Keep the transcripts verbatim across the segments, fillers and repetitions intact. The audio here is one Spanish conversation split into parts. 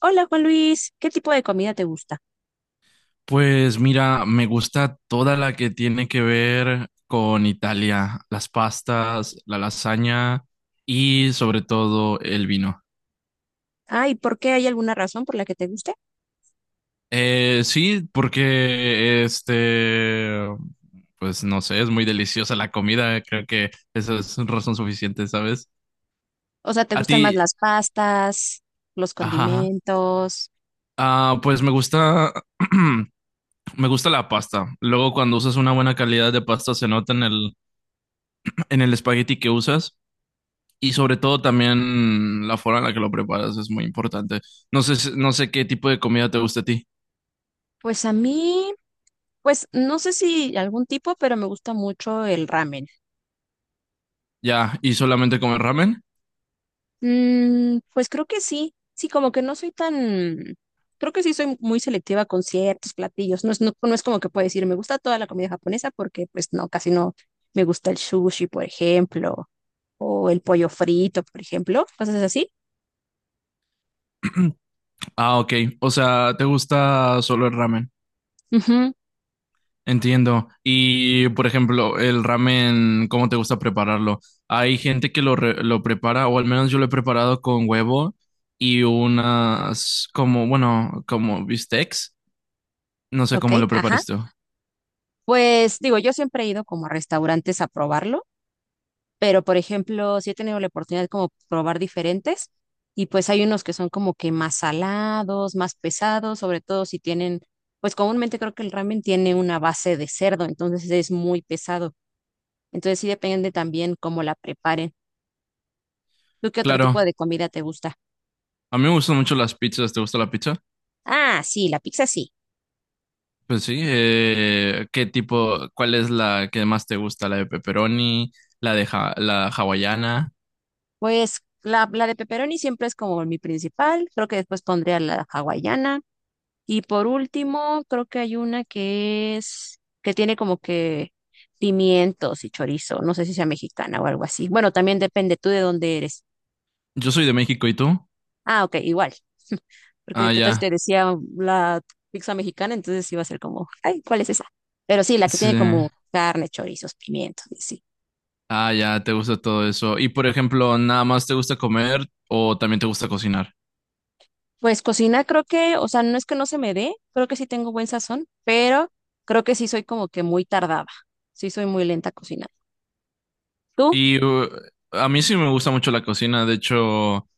Hola Juan Luis, ¿qué tipo de comida te gusta? Pues mira, me gusta toda la que tiene que ver con Italia, las pastas, la lasaña y sobre todo el vino. Ah, ¿y por qué hay alguna razón por la que te guste? Eh, sí, porque este, pues no sé, es muy deliciosa la comida, creo que eso es razón suficiente, ¿sabes? O sea, ¿te A ti, gustan más las pastas, los ajá, condimentos? ah, pues me gusta, me gusta la pasta. Luego cuando usas una buena calidad de pasta se nota en el, en el espagueti que usas. Y sobre todo también la forma en la que lo preparas es muy importante. No sé, si- no sé qué tipo de comida te gusta a ti. Pues a mí, pues no sé si algún tipo, pero me gusta mucho el ramen. Ya, ¿y solamente comer ramen? Mm, pues creo que sí, sí, como que no soy tan, creo que sí soy muy selectiva con ciertos platillos. No es, no, no es como que puedo decir, me gusta toda la comida japonesa porque pues no, casi no me gusta el sushi, por ejemplo, o el pollo frito, por ejemplo, cosas así. Ah, ok. O sea, ¿te gusta solo el ramen? Ujú. Entiendo. Y, por ejemplo, el ramen, ¿cómo te gusta prepararlo? Hay gente que lo, re- lo prepara, o al menos yo lo he preparado con huevo y unas, como, bueno, como bistecs. No sé Ok, cómo lo ajá. preparas tú. Pues digo, yo siempre he ido como a restaurantes a probarlo, pero por ejemplo, sí he tenido la oportunidad de como probar diferentes y pues hay unos que son como que más salados, más pesados, sobre todo si tienen, pues comúnmente creo que el ramen tiene una base de cerdo, entonces es muy pesado. Entonces sí depende también cómo la preparen. ¿Tú qué otro tipo Claro, de comida te gusta? a mí me gustan mucho las pizzas. ¿Te gusta la pizza? Ah, sí, la pizza sí. Pues sí, eh, ¿qué tipo, cuál es la que más te gusta? ¿La de pepperoni, la de ja- la hawaiana? Pues la, la de pepperoni siempre es como mi principal, creo que después pondría la hawaiana. Y por último, creo que hay una que es, que tiene como que pimientos y chorizo. No sé si sea mexicana o algo así. Bueno, también depende tú de dónde eres. Yo soy de México, ¿y tú? Ah, ok, igual. Ah, Porque qué tal si ya, te decía la pizza mexicana, entonces iba a ser como, ay, ¿cuál es esa? Pero sí, la que sí. tiene como carne, chorizos, pimientos, y sí. Ah, ya, te gusta todo eso. Y por ejemplo, ¿nada más te gusta comer o también te gusta cocinar? Pues cocina creo que, o sea, no es que no se me dé, creo que sí tengo buen sazón, pero creo que sí soy como que muy tardada. Sí soy muy lenta cocinando. ¿Tú? Y uh, a mí sí me gusta mucho la cocina, de hecho,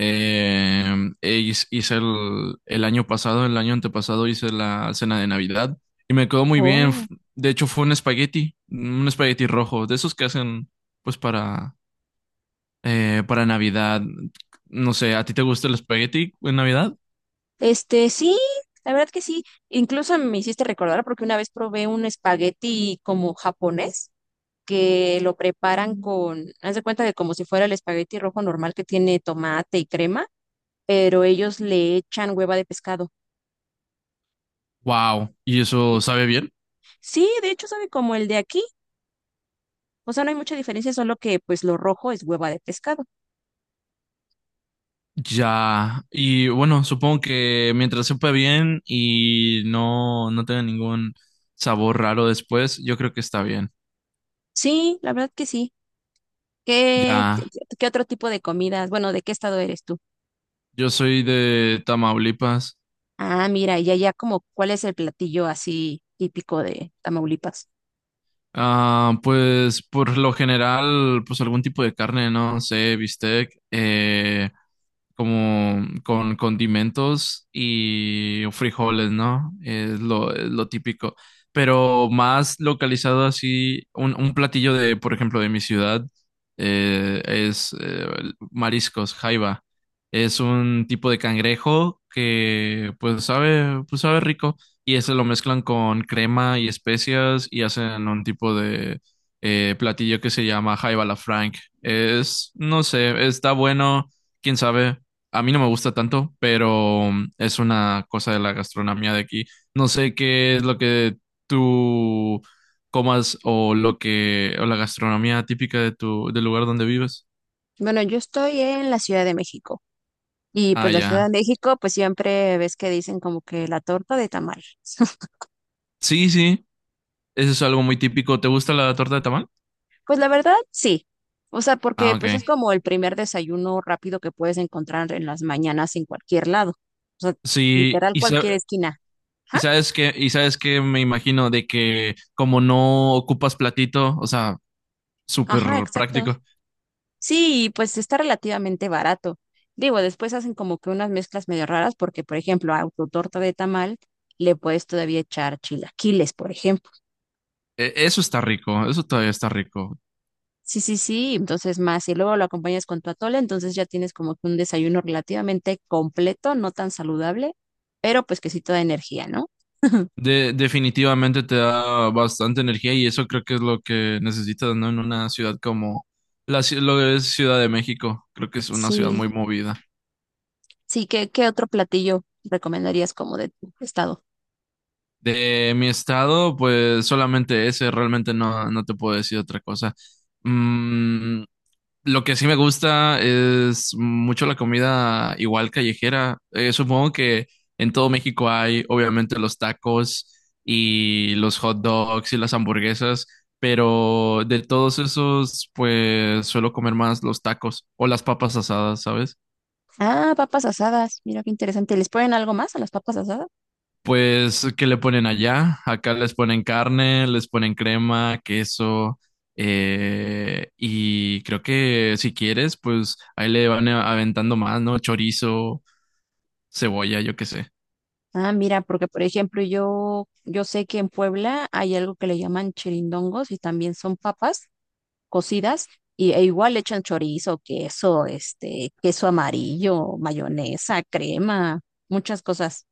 Eh, e hice hice el, el año pasado, el año antepasado hice la cena de Navidad y me quedó muy bien. F- Oh. De hecho, fue un espagueti, un espagueti rojo, de esos que hacen pues para, eh, para Navidad. No sé, ¿a ti te gusta el espagueti en Navidad? Este, sí, la verdad que sí. Incluso me hiciste recordar porque una vez probé un espagueti como japonés que lo preparan con, haz de cuenta de como si fuera el espagueti rojo normal que tiene tomate y crema, pero ellos le echan hueva de pescado. Wow, ¿y eso sabe bien? Sí, de hecho sabe como el de aquí. O sea, no hay mucha diferencia, solo que pues lo rojo es hueva de pescado. Ya, y bueno, supongo que mientras sepa bien y no, no tenga ningún sabor raro después, yo creo que está bien. Sí, la verdad que sí. ¿Qué, Ya. qué otro tipo de comidas? Bueno, ¿de qué estado eres tú? Yo soy de Tamaulipas. Ah, mira, y allá como, ¿cuál es el platillo así típico de Tamaulipas? Ah, pues por lo general, pues algún tipo de carne, no sé, bistec, eh, como con condimentos y frijoles, ¿no? Es lo, es lo típico. Pero más localizado así, un, un platillo de, por ejemplo, de mi ciudad, eh, es eh, mariscos, jaiba. Es un tipo de cangrejo que pues sabe, pues sabe rico. Y ese lo mezclan con crema y especias y hacen un tipo de eh, platillo que se llama Jaiba la Frank. Es, no sé, está bueno, quién sabe. A mí no me gusta tanto, pero mm, es una cosa de la gastronomía de aquí. No sé qué es lo que tú comas o lo que, o la gastronomía típica de tu, del lugar donde vives. Bueno, yo estoy en la Ciudad de México y Ah, pues la Ciudad ya. de México pues siempre ves que dicen como que la torta de tamal. Sí, sí, eso es algo muy típico. ¿Te gusta la torta de tamal? Pues la verdad, sí. O sea, Ah, porque pues es ok. como el primer desayuno rápido que puedes encontrar en las mañanas en cualquier lado. O sea, Sí, literal y sa- cualquier esquina. Y Ajá, sabes que, y sabes que me imagino de que como no ocupas platito, o sea, súper ajá, exacto. práctico. Sí, y pues está relativamente barato. Digo, después hacen como que unas mezclas medio raras porque, por ejemplo, a tu torta de tamal le puedes todavía echar chilaquiles, por ejemplo. E- Eso está rico, eso todavía está rico. Sí, sí, sí, entonces más, y luego lo acompañas con tu atole, entonces ya tienes como que un desayuno relativamente completo, no tan saludable, pero pues que sí te da energía, ¿no? De- definitivamente te da bastante energía y eso creo que es lo que necesitas, ¿no? En una ciudad como la, ci- lo que es Ciudad de México, creo que es una ciudad Sí, muy movida. sí, ¿qué, qué otro platillo recomendarías como de tu estado? De mi estado, pues solamente ese, realmente no, no te puedo decir otra cosa. Mm, Lo que sí me gusta es mucho la comida igual callejera. Eh, supongo que en todo México hay obviamente los tacos y los hot dogs y las hamburguesas, pero de todos esos pues suelo comer más los tacos o las papas asadas, ¿sabes? Ah, papas asadas, mira qué interesante. ¿Les ponen algo más a las papas asadas? Pues, ¿qué le ponen allá? Acá les ponen carne, les ponen crema, queso. Eh, y creo que si quieres, pues ahí le van a- aventando más, ¿no? Chorizo, cebolla, yo qué sé. Ah, mira, porque por ejemplo yo, yo sé que en Puebla hay algo que le llaman chirindongos y también son papas, cocidas y, e igual le echan chorizo, queso, este, queso amarillo, mayonesa, crema, muchas cosas.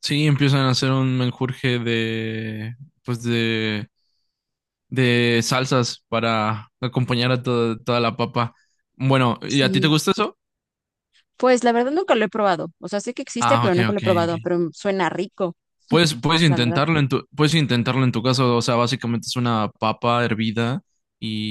Sí, empiezan a hacer un menjurje de, pues de, de salsas para acompañar a to- toda la papa. Bueno, ¿y a ti te Sí, gusta eso? pues la verdad nunca lo he probado. O sea, sé que existe, Ah, pero ok, nunca lo he ok, ok. probado, pero suena rico, Puedes, puedes la verdad. intentarlo en tu, puedes intentarlo en tu caso, o sea, básicamente es una papa hervida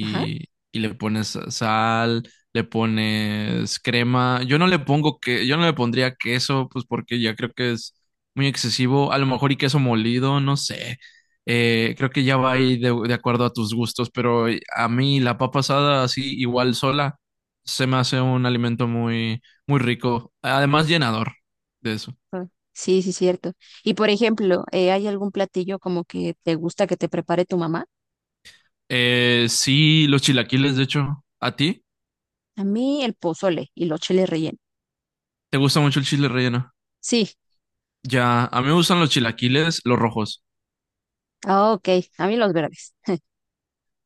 Ajá. y le pones sal, le pones crema. Yo no le pongo que, yo no le pondría queso, pues porque ya creo que es muy excesivo. A lo mejor y queso molido, no sé. Eh, creo que ya va ahí de, de acuerdo a tus gustos, pero a mí la papa asada así igual sola se me hace un alimento muy, muy rico, además llenador de eso. Ah, sí, sí, cierto. Y por ejemplo, eh, ¿hay algún platillo como que te gusta que te prepare tu mamá? Eh, sí, los chilaquiles, de hecho. ¿A ti? A mí el pozole y los chiles rellenos. ¿Te gusta mucho el chile relleno? Sí, Ya, a mí me gustan los chilaquiles, los rojos. ah, ok, a mí los verdes.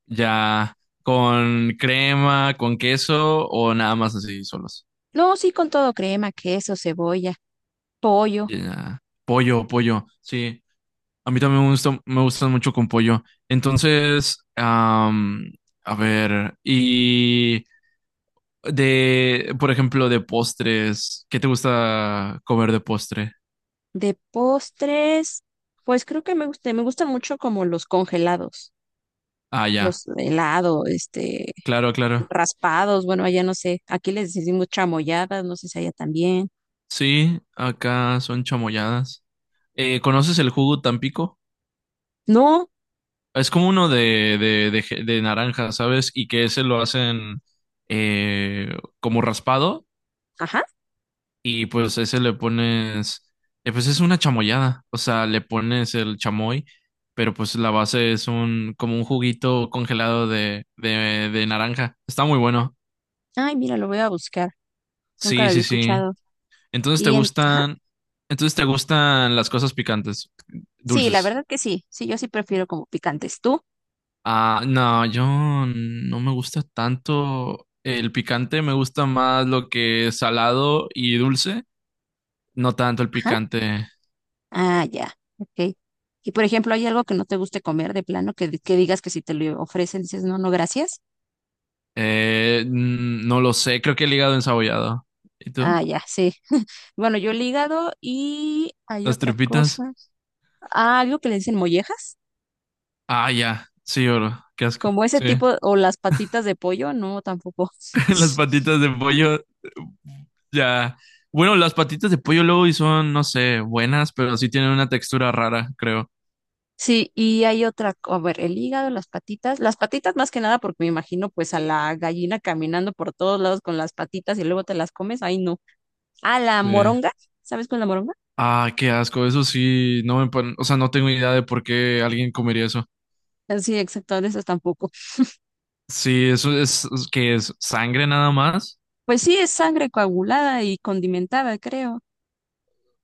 Ya, con crema, con queso o nada más así, solos. No, sí, con todo, crema, queso, cebolla, pollo. Ya, pollo, pollo, sí. A mí también me gusta, me gustan mucho con pollo. Entonces, am, a ver, y de, por ejemplo, de postres, ¿qué te gusta comer de postre? De postres, pues creo que me gusta, me gustan mucho como los congelados, Ah, ya, los helado, este, claro, claro. raspados, bueno, allá no sé, aquí les decimos chamoyadas, no sé si allá también. Sí, acá son chamoyadas. Eh, ¿conoces el jugo Tampico? No, Es como uno de, de, de, je- de naranja, ¿sabes? Y que ese lo hacen eh, como raspado ajá, y pues ese le pones, eh, pues es una chamoyada, o sea, le pones el chamoy, pero pues la base es un como un juguito congelado de, de, de naranja. Está muy bueno. ay, mira, lo voy a buscar, nunca Sí, lo había sí, sí. escuchado. Entonces te Y en, ajá, gustan, entonces te gustan las cosas picantes, sí, la dulces. verdad que sí, sí, yo sí prefiero como picantes. ¿Tú? Ah, no, yo no me gusta tanto el picante, me gusta más lo que es salado y dulce, no tanto el Ajá, picante. ah, ya, ok. Y por ejemplo, ¿hay algo que no te guste comer de plano, que, que digas que si te lo ofrecen dices, no, no, gracias? Eh, mm, no lo sé, creo que el hígado ensabollado. ¿Y Ah, tú? ya, sí. Bueno, yo el hígado y hay ¿Las otra tripitas? cosa. Ah, algo que le dicen mollejas, Ah, ya, sí, oro, qué asco. como ese Sí, tipo, o las patitas de pollo, no, tampoco. las patitas de pollo, ya. Bueno, las patitas de pollo luego y son, no sé, buenas, pero sí tienen una textura rara, creo. Sí, y hay otra, co- a ver, el hígado, las patitas, las patitas más que nada porque me imagino pues a la gallina caminando por todos lados con las patitas y luego te las comes, ahí no. Ah, la Sí. moronga, ¿sabes cuál es la moronga? Ah, qué asco, eso sí, no me, pon- o sea, no tengo idea de por qué alguien comería eso. Ah, sí, exacto, de esas tampoco. Sí, eso es, que es sangre nada más. Pues sí, es sangre coagulada y condimentada, creo.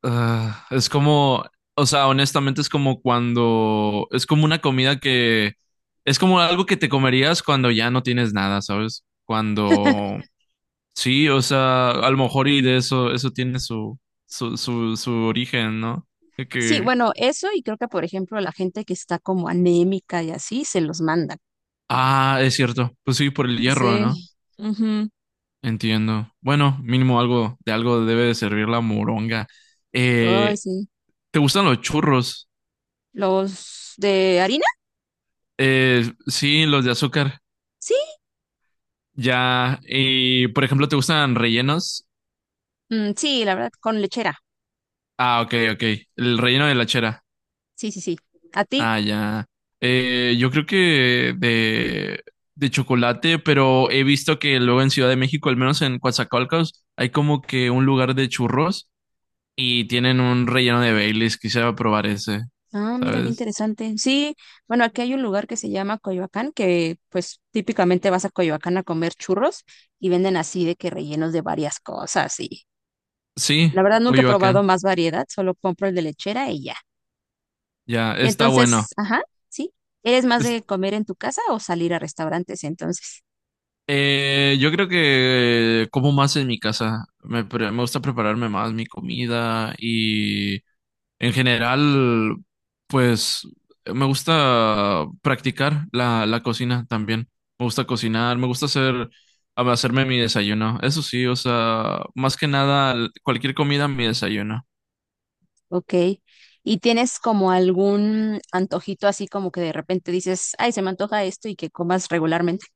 Ah, es como, o sea, honestamente es como cuando, es como una comida que, es como algo que te comerías cuando ya no tienes nada, ¿sabes? Cuando, sí, o sea, a lo mejor y de eso, eso tiene su, su, su, su origen, ¿no? De Sí, que, bueno, eso y creo que por ejemplo la gente que está como anémica y así se los manda. ah, es cierto, pues sí, por el hierro, Sí. ¿no? Ujú. Entiendo. Bueno, mínimo algo de algo debe de servir la moronga. Ay, Eh, sí. ¿te gustan los churros? ¿Los de harina? Eh, sí, los de azúcar. Sí. Ya. Y, por ejemplo, ¿te gustan rellenos? Mm, sí, la verdad, con lechera. Ah, ok, ok. El relleno de la chera. Sí, sí, sí. ¿A ti? Ah, ya. Eh, yo creo que de, de chocolate, pero he visto que luego en Ciudad de México, al menos en Coatzacoalcos, hay como que un lugar de churros y tienen un relleno de Baileys. Quisiera probar ese, Ah, mira qué ¿sabes? interesante. Sí, bueno, aquí hay un lugar que se llama Coyoacán, que pues típicamente vas a Coyoacán a comer churros y venden así de que rellenos de varias cosas y Sí, la verdad nunca he probado Coyoacán. más variedad, solo compro el de lechera y ya. Ya, Y está bueno. entonces, ajá, sí. ¿Eres más Es- de comer en tu casa o salir a restaurantes entonces? eh, yo creo que como más en mi casa. Me, pre- me gusta prepararme más mi comida y en general, pues me gusta practicar la, la cocina también. Me gusta cocinar, me gusta hacer, hacerme mi desayuno. Eso sí, o sea, más que nada, cualquier comida, mi desayuno. Ok. ¿Y tienes como algún antojito así como que de repente dices, ay, se me antoja esto y que comas regularmente?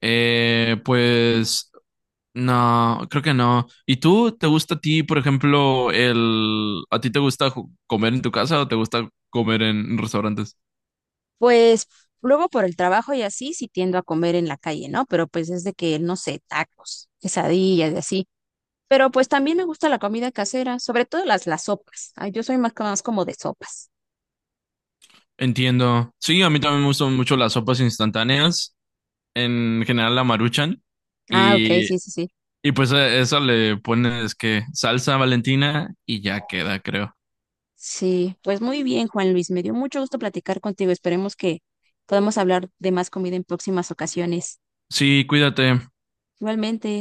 Eh, pues No, creo que no. ¿Y tú, te gusta a ti, por ejemplo, el... ¿A ti te gusta ju- comer en tu casa o te gusta comer en restaurantes? Pues luego por el trabajo y así sí tiendo a comer en la calle, ¿no? Pero pues es de que, no sé, tacos, quesadillas y así. Pero pues también me gusta la comida casera, sobre todo las, las sopas. Ay, yo soy más, más como de sopas. Entiendo. Sí, a mí también me gustan mucho las sopas instantáneas, en general la Maruchan. Ah, ok, Y, sí, sí, sí. y pues a eso le pones que salsa Valentina y ya queda, creo. Sí, pues muy bien, Juan Luis. Me dio mucho gusto platicar contigo. Esperemos que podamos hablar de más comida en próximas ocasiones. Sí, cuídate. Igualmente.